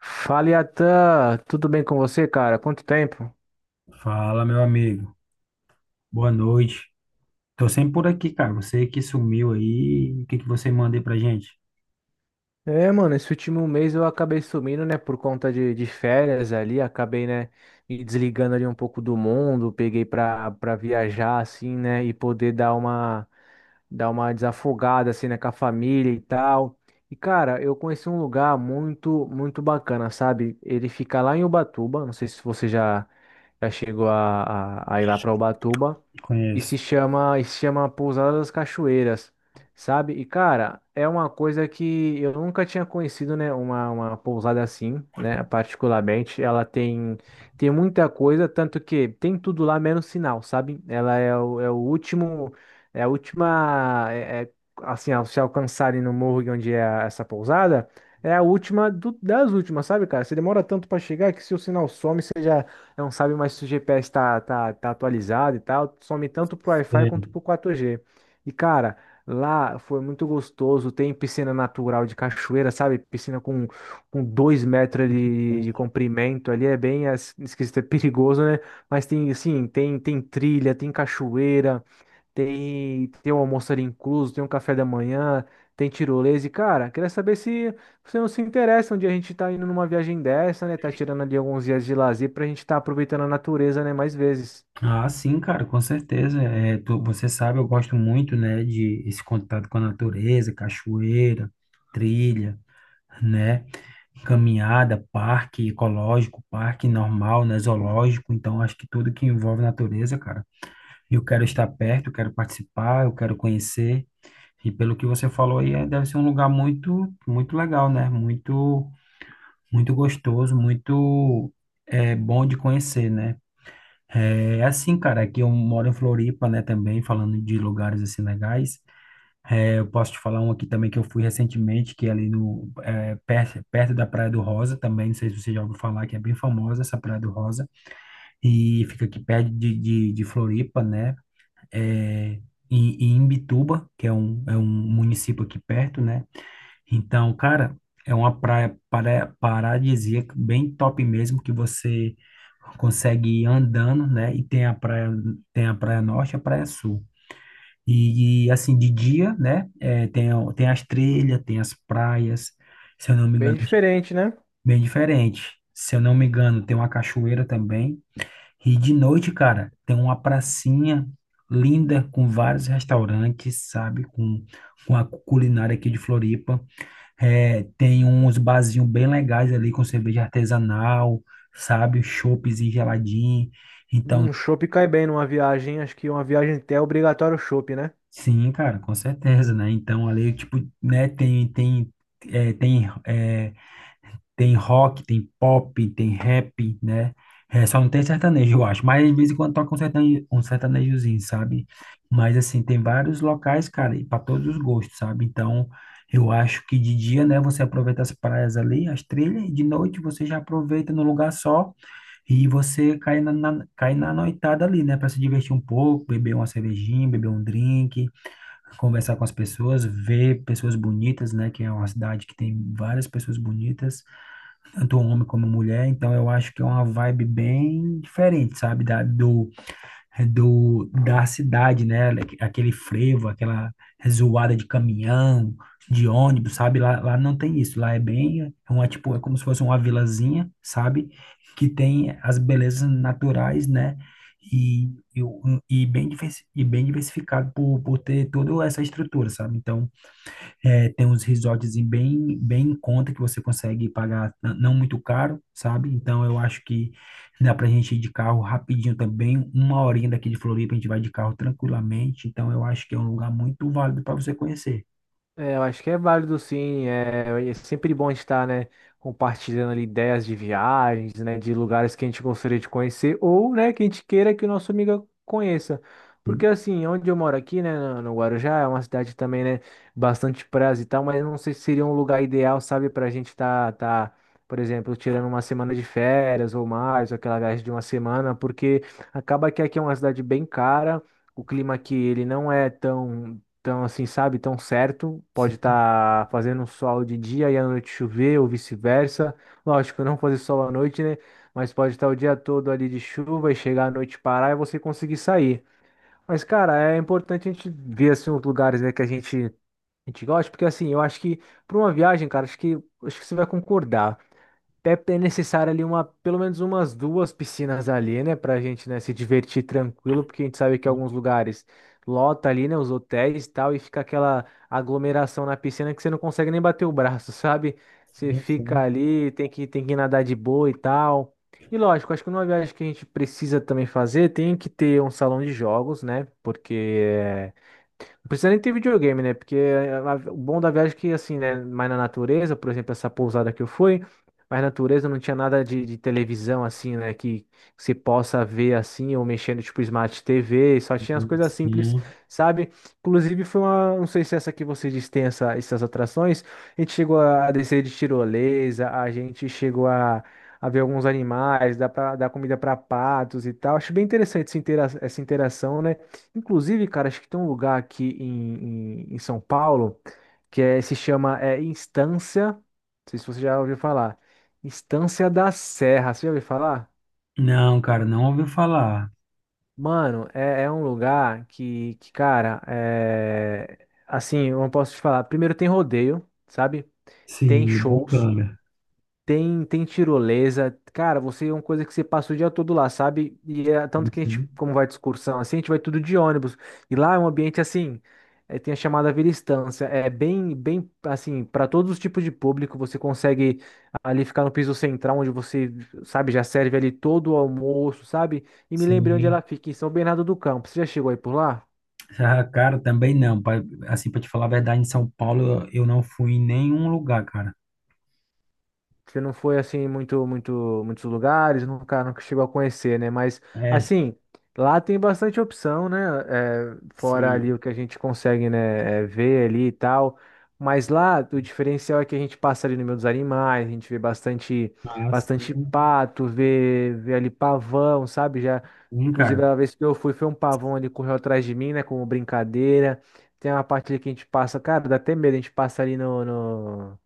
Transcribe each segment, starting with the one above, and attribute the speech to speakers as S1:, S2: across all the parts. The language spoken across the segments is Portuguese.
S1: Fala, Yatan, tudo bem com você, cara? Quanto tempo?
S2: Fala, meu amigo. Boa noite. Tô sempre por aqui, cara. Você que sumiu aí, o que que você manda aí pra gente?
S1: É, mano, esse último mês eu acabei sumindo, né, por conta de férias ali, acabei, né, me desligando ali um pouco do mundo, peguei pra viajar, assim, né, e poder dar uma desafogada, assim, né, com a família e tal. E, cara, eu conheci um lugar muito, muito bacana, sabe? Ele fica lá em Ubatuba, não sei se você já chegou a ir lá pra Ubatuba, e
S2: Conheço.
S1: se chama Pousada das Cachoeiras, sabe? E cara, é uma coisa que eu nunca tinha conhecido, né? Uma pousada assim, né? Particularmente, ela tem muita coisa, tanto que tem tudo lá menos sinal, sabe? Ela é o último, é a última, assim, ao se alcançarem no morro onde é essa pousada. É a última das últimas, sabe, cara? Você demora tanto para chegar que se o sinal some, você já não sabe mais se o GPS tá atualizado e tal, some tanto pro Wi-Fi
S2: Sei.
S1: quanto pro 4G. E cara, lá foi muito gostoso, tem piscina natural de cachoeira, sabe? Piscina com 2 metros de comprimento ali, é bem esquisito, é perigoso, né? Mas tem, assim, tem trilha, tem cachoeira. Tem o almoço ali incluso, tem um café da manhã, tem tirolesa. E, cara, queria saber se você não se interessa onde a gente tá indo numa viagem dessa, né? Tá tirando ali alguns dias de lazer pra gente tá aproveitando a natureza, né? Mais vezes.
S2: Ah, sim, cara, com certeza. Você sabe, eu gosto muito, né, de esse contato com a natureza, cachoeira, trilha, né, caminhada, parque ecológico, parque normal, né, zoológico. Então, acho que tudo que envolve natureza, cara, eu quero estar perto, eu quero participar, eu quero conhecer. E pelo que você falou aí, deve ser um lugar muito, muito legal, né? Muito, muito gostoso, muito bom de conhecer, né? É assim, cara, aqui eu moro em Floripa, né, também, falando de lugares assim legais. É, eu posso te falar um aqui também que eu fui recentemente, que é ali no, é, perto, perto da Praia do Rosa também, não sei se você já ouviu falar, que é bem famosa essa Praia do Rosa, e fica aqui perto de Floripa, né? É, em Imbituba, que é um município aqui perto, né? Então, cara, é uma paradisíaca, bem top mesmo, que você consegue ir andando, né? E tem a praia norte e a praia sul. E, assim, de dia, né? É, tem, tem as trilhas, tem as praias, se eu não me
S1: Bem
S2: engano,
S1: diferente, né?
S2: bem diferente. Se eu não me engano, tem uma cachoeira também. E de noite, cara, tem uma pracinha linda com vários restaurantes, sabe? Com a culinária aqui de Floripa. É, tem uns barzinhos bem legais ali com cerveja artesanal, sabe? Chopezinho geladinho. Então,
S1: Um chopp cai bem numa viagem. Acho que uma viagem até é obrigatório o chopp, né?
S2: sim, cara, com certeza, né? Então, ali, tipo, né, tem, tem, é, tem é, tem rock, tem pop, tem rap, né? É, só não tem sertanejo, eu acho. Mas de vez em quando toca um sertanejo, um sertanejozinho, sabe? Mas assim, tem vários locais, cara, e para todos os gostos, sabe? Então, eu acho que de dia, né, você aproveita as praias ali, as trilhas, e de noite você já aproveita no lugar só e você cai cai na noitada ali, né, para se divertir um pouco, beber uma cervejinha, beber um drink, conversar com as pessoas, ver pessoas bonitas, né, que é uma cidade que tem várias pessoas bonitas tanto um homem como mulher, então eu acho que é uma vibe bem diferente, sabe, da cidade, né, aquele frevo, aquela zoada de caminhão, de ônibus, sabe, lá, lá não tem isso, lá é bem, é uma, tipo, é como se fosse uma vilazinha, sabe, que tem as belezas naturais, né, e, e, e bem, e bem diversificado por ter toda essa estrutura, sabe, então é, tem uns resorts bem, bem em conta que você consegue pagar não muito caro, sabe? Então eu acho que dá pra gente ir de carro rapidinho também, uma horinha daqui de Floripa a gente vai de carro tranquilamente, então eu acho que é um lugar muito válido para você conhecer.
S1: É, eu acho que é válido, sim. É, sempre bom estar, né, compartilhando ali ideias de viagens, né, de lugares que a gente gostaria de conhecer ou, né, que a gente queira que o nosso amigo conheça.
S2: Sim,
S1: Porque assim, onde eu moro aqui, né, no Guarujá, é uma cidade também, né, bastante praia e tal, mas não sei se seria um lugar ideal, sabe, para a gente estar, tá, por exemplo, tirando uma semana de férias ou mais, ou aquela viagem de uma semana, porque acaba que aqui é uma cidade bem cara. O clima aqui, ele não é tão então, assim, sabe, tão certo. Pode
S2: sim,
S1: estar fazendo um sol de dia e à noite chover, ou vice-versa. Lógico, não fazer sol à noite, né? Mas pode estar o dia todo ali de chuva e chegar à noite parar e você conseguir sair. Mas, cara, é importante a gente ver, assim, os lugares, né, que a gente gosta, porque, assim, eu acho que para uma viagem, cara, acho que você vai concordar. É necessário ali uma, pelo menos umas duas piscinas ali, né, pra gente, né, se divertir tranquilo, porque a gente sabe que alguns lugares lota ali, né, os hotéis e tal, e fica aquela aglomeração na piscina que você não consegue nem bater o braço, sabe? Você
S2: sim.
S1: fica
S2: Sim.
S1: ali, tem que nadar de boa e tal. E lógico, acho que numa viagem que a gente precisa também fazer, tem que ter um salão de jogos, né, porque não precisa nem ter videogame, né? Porque o bom da viagem é que, assim, né? Mais na natureza, por exemplo, essa pousada que eu fui, mas na natureza não tinha nada de televisão, assim, né? Que se possa ver, assim, ou mexendo, tipo, Smart TV, só tinha as
S2: Uhum,
S1: coisas simples,
S2: sim.
S1: sabe? Inclusive, foi uma. Não sei se essa que vocês diz tem essa, essas atrações. A gente chegou a descer de tirolesa, a gente chegou a ver alguns animais, dá para dar comida para patos e tal. Acho bem interessante essa interação, né? Inclusive, cara, acho que tem um lugar aqui em São Paulo que se chama Instância. Não sei se você já ouviu falar. Instância da Serra. Você já ouviu falar?
S2: Não, cara, não ouviu falar.
S1: Mano, é um lugar que cara, é, assim, eu não posso te falar. Primeiro tem rodeio, sabe? Tem
S2: Sim,
S1: shows.
S2: bacana.
S1: Tem tirolesa. Cara, você é uma coisa que você passa o dia todo lá, sabe? E é tanto que a gente,
S2: Sim.
S1: como vai de excursão assim, a gente vai tudo de ônibus. E lá é um ambiente assim, tem a chamada Vila Estância. É bem, bem assim, para todos os tipos de público, você consegue ali ficar no piso central, onde você, sabe, já serve ali todo o almoço, sabe? E me lembrei onde
S2: Sim.
S1: ela fica, em São Bernardo do Campo. Você já chegou aí por lá?
S2: Ah, cara, também não. Pra, assim, para te falar a verdade, em São Paulo eu não fui em nenhum lugar, cara.
S1: Você não foi assim em muito, muito, muitos lugares, nunca chegou a conhecer, né? Mas
S2: É,
S1: assim, lá tem bastante opção, né? É, fora ali
S2: sim.
S1: o que a gente consegue, né? Ver ali e tal. Mas lá o diferencial é que a gente passa ali no meio dos animais, a gente vê bastante,
S2: Ah,
S1: bastante
S2: sim,
S1: pato, vê ali pavão, sabe? Já,
S2: sim, cara.
S1: inclusive a vez que eu fui, foi um pavão ali correu atrás de mim, né? Como brincadeira. Tem uma parte ali que a gente passa, cara, dá até medo, a gente passa ali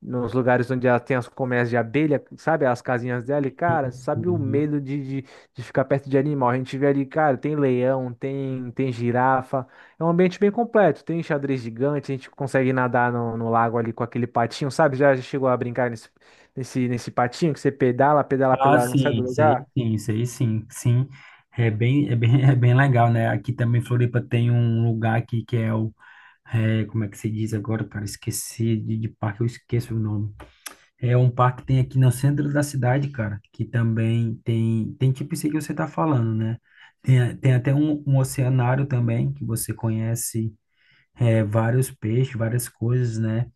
S1: nos lugares onde ela tem as colmeias de abelha, sabe? As casinhas dela, e,
S2: Sim,
S1: cara, sabe o
S2: sim.
S1: medo de ficar perto de animal? A gente vê ali, cara, tem leão, tem girafa, é um ambiente bem completo, tem xadrez gigante, a gente consegue nadar no, lago ali com aquele patinho, sabe? Já chegou a brincar nesse patinho que você pedala, pedala,
S2: Ah,
S1: pedala, não sai
S2: sim,
S1: do
S2: isso aí
S1: lugar?
S2: sim, isso aí sim, sim. É bem, é bem legal, né? Aqui também em Floripa tem um lugar aqui que é o, é, como é que se diz agora, cara? Esqueci de parque, eu esqueço o nome. É um parque que tem aqui no centro da cidade, cara, que também tem, tem tipo isso aí que você tá falando, né? Tem, tem até um, um oceanário também, que você conhece, é, vários peixes, várias coisas, né?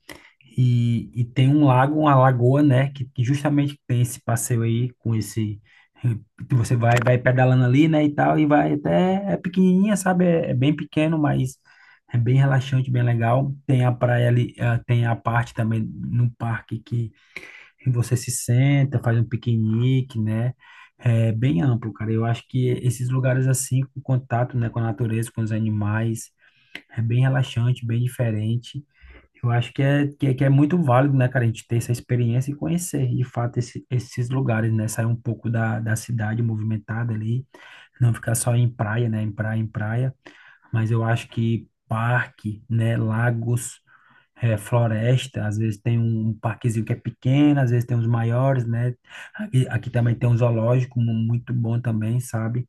S2: E tem um lago, uma lagoa, né? Que justamente tem esse passeio aí com esse. Que você vai, vai pedalando ali, né? E tal, e vai até. É pequenininha, sabe? É, é bem pequeno, mas é bem relaxante, bem legal. Tem a praia ali, ah, tem a parte também no parque que você se senta, faz um piquenique, né? É bem amplo, cara. Eu acho que esses lugares assim, com contato, né, com a natureza, com os animais é bem relaxante, bem diferente. Eu acho que é, que, é que é muito válido, né, cara, a gente ter essa experiência e conhecer, de fato, esses lugares, né? Sair um pouco da, da cidade movimentada ali, não ficar só em praia, né? Em praia, em praia. Mas eu acho que parque, né? Lagos, eh, floresta, às vezes tem um parquezinho que é pequeno, às vezes tem uns maiores, né? Aqui, aqui também tem um muito bom também, sabe?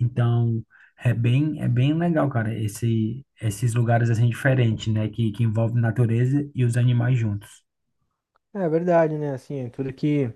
S2: Então, é bem legal, cara, esse, esses lugares assim diferentes, né? Que envolvem natureza e os animais juntos.
S1: É verdade, né? Assim, é tudo que.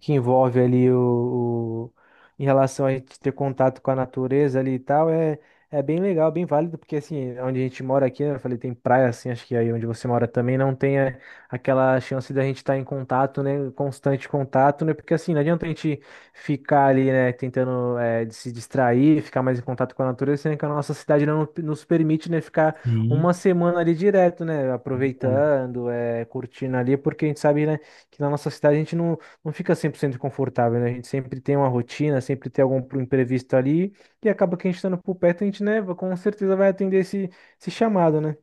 S1: que Envolve ali em relação a gente ter contato com a natureza ali e tal, é bem legal, bem válido, porque assim, onde a gente mora aqui, né, eu falei, tem praia assim, acho que aí onde você mora também não tem aquela chance da gente estar em contato, né, constante contato, né, porque assim, não adianta a gente ficar ali, né, tentando de se distrair, ficar mais em contato com a natureza, sendo que a nossa cidade não nos permite, né, ficar
S2: Sim,
S1: uma semana ali direto, né,
S2: verdade.
S1: aproveitando, curtindo ali, porque a gente sabe, né, que na nossa cidade a gente não fica 100% confortável, né? A gente sempre tem uma rotina, sempre tem algum pro imprevisto ali, e acaba que a gente estando por perto, a gente, né, com certeza vai atender esse, chamado, né?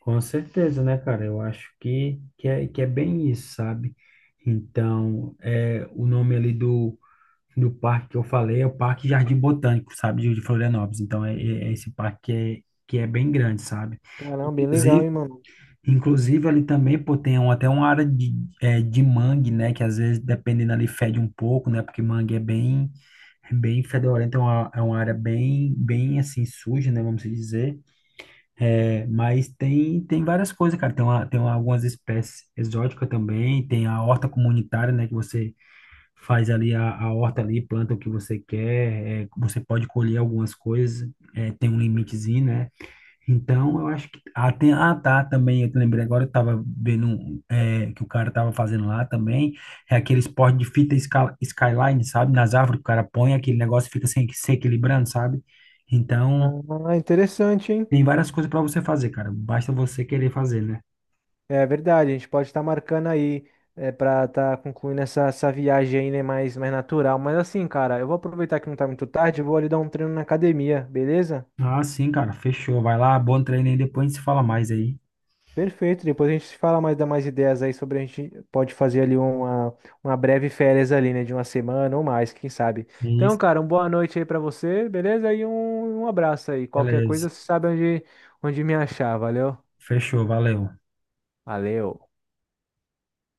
S2: Com certeza, né, cara? Eu acho que é bem isso, sabe? Então, é, o nome ali do, do parque que eu falei é o Parque Jardim Botânico, sabe? De Florianópolis. Então, é, é esse parque que é bem grande, sabe?
S1: Caramba, bem legal,
S2: Inclusive.
S1: hein, mano?
S2: Inclusive, ali também, pô, até uma área de, é, de mangue, né? Que às vezes, dependendo ali, fede um pouco, né? Porque mangue é bem fedorento, é uma área bem, bem, assim, suja, né? Vamos dizer. É, mas tem, tem várias coisas, cara. Tem, uma, algumas espécies exóticas também. Tem a horta comunitária, né? Que você faz ali a horta ali, planta o que você quer. É, você pode colher algumas coisas. É, tem um limitezinho, né? Então, eu acho que. Ah, tem... ah, tá, também. Eu lembrei agora, eu tava vendo um, é, que o cara tava fazendo lá também. É aquele esporte skyline, sabe? Nas árvores que o cara põe aquele negócio e fica sem... se equilibrando, sabe? Então,
S1: Ah, interessante, hein?
S2: tem várias coisas para você fazer, cara. Basta você querer fazer, né?
S1: É verdade, a gente pode estar marcando aí para estar concluindo essa viagem aí, né, mais natural. Mas assim, cara, eu vou aproveitar que não tá muito tarde, eu vou ali dar um treino na academia, beleza?
S2: Ah, sim, cara. Fechou. Vai lá, bom treino aí. Depois a gente se fala mais aí.
S1: Perfeito, depois a gente se fala mais, dá mais ideias aí sobre a gente pode fazer ali uma, breve férias ali, né, de uma semana ou mais, quem sabe.
S2: É
S1: Então,
S2: isso,
S1: cara, uma boa noite aí pra você, beleza? E um, abraço aí. Qualquer
S2: beleza.
S1: coisa, você sabe onde, me achar, valeu?
S2: Fechou, valeu.
S1: Valeu.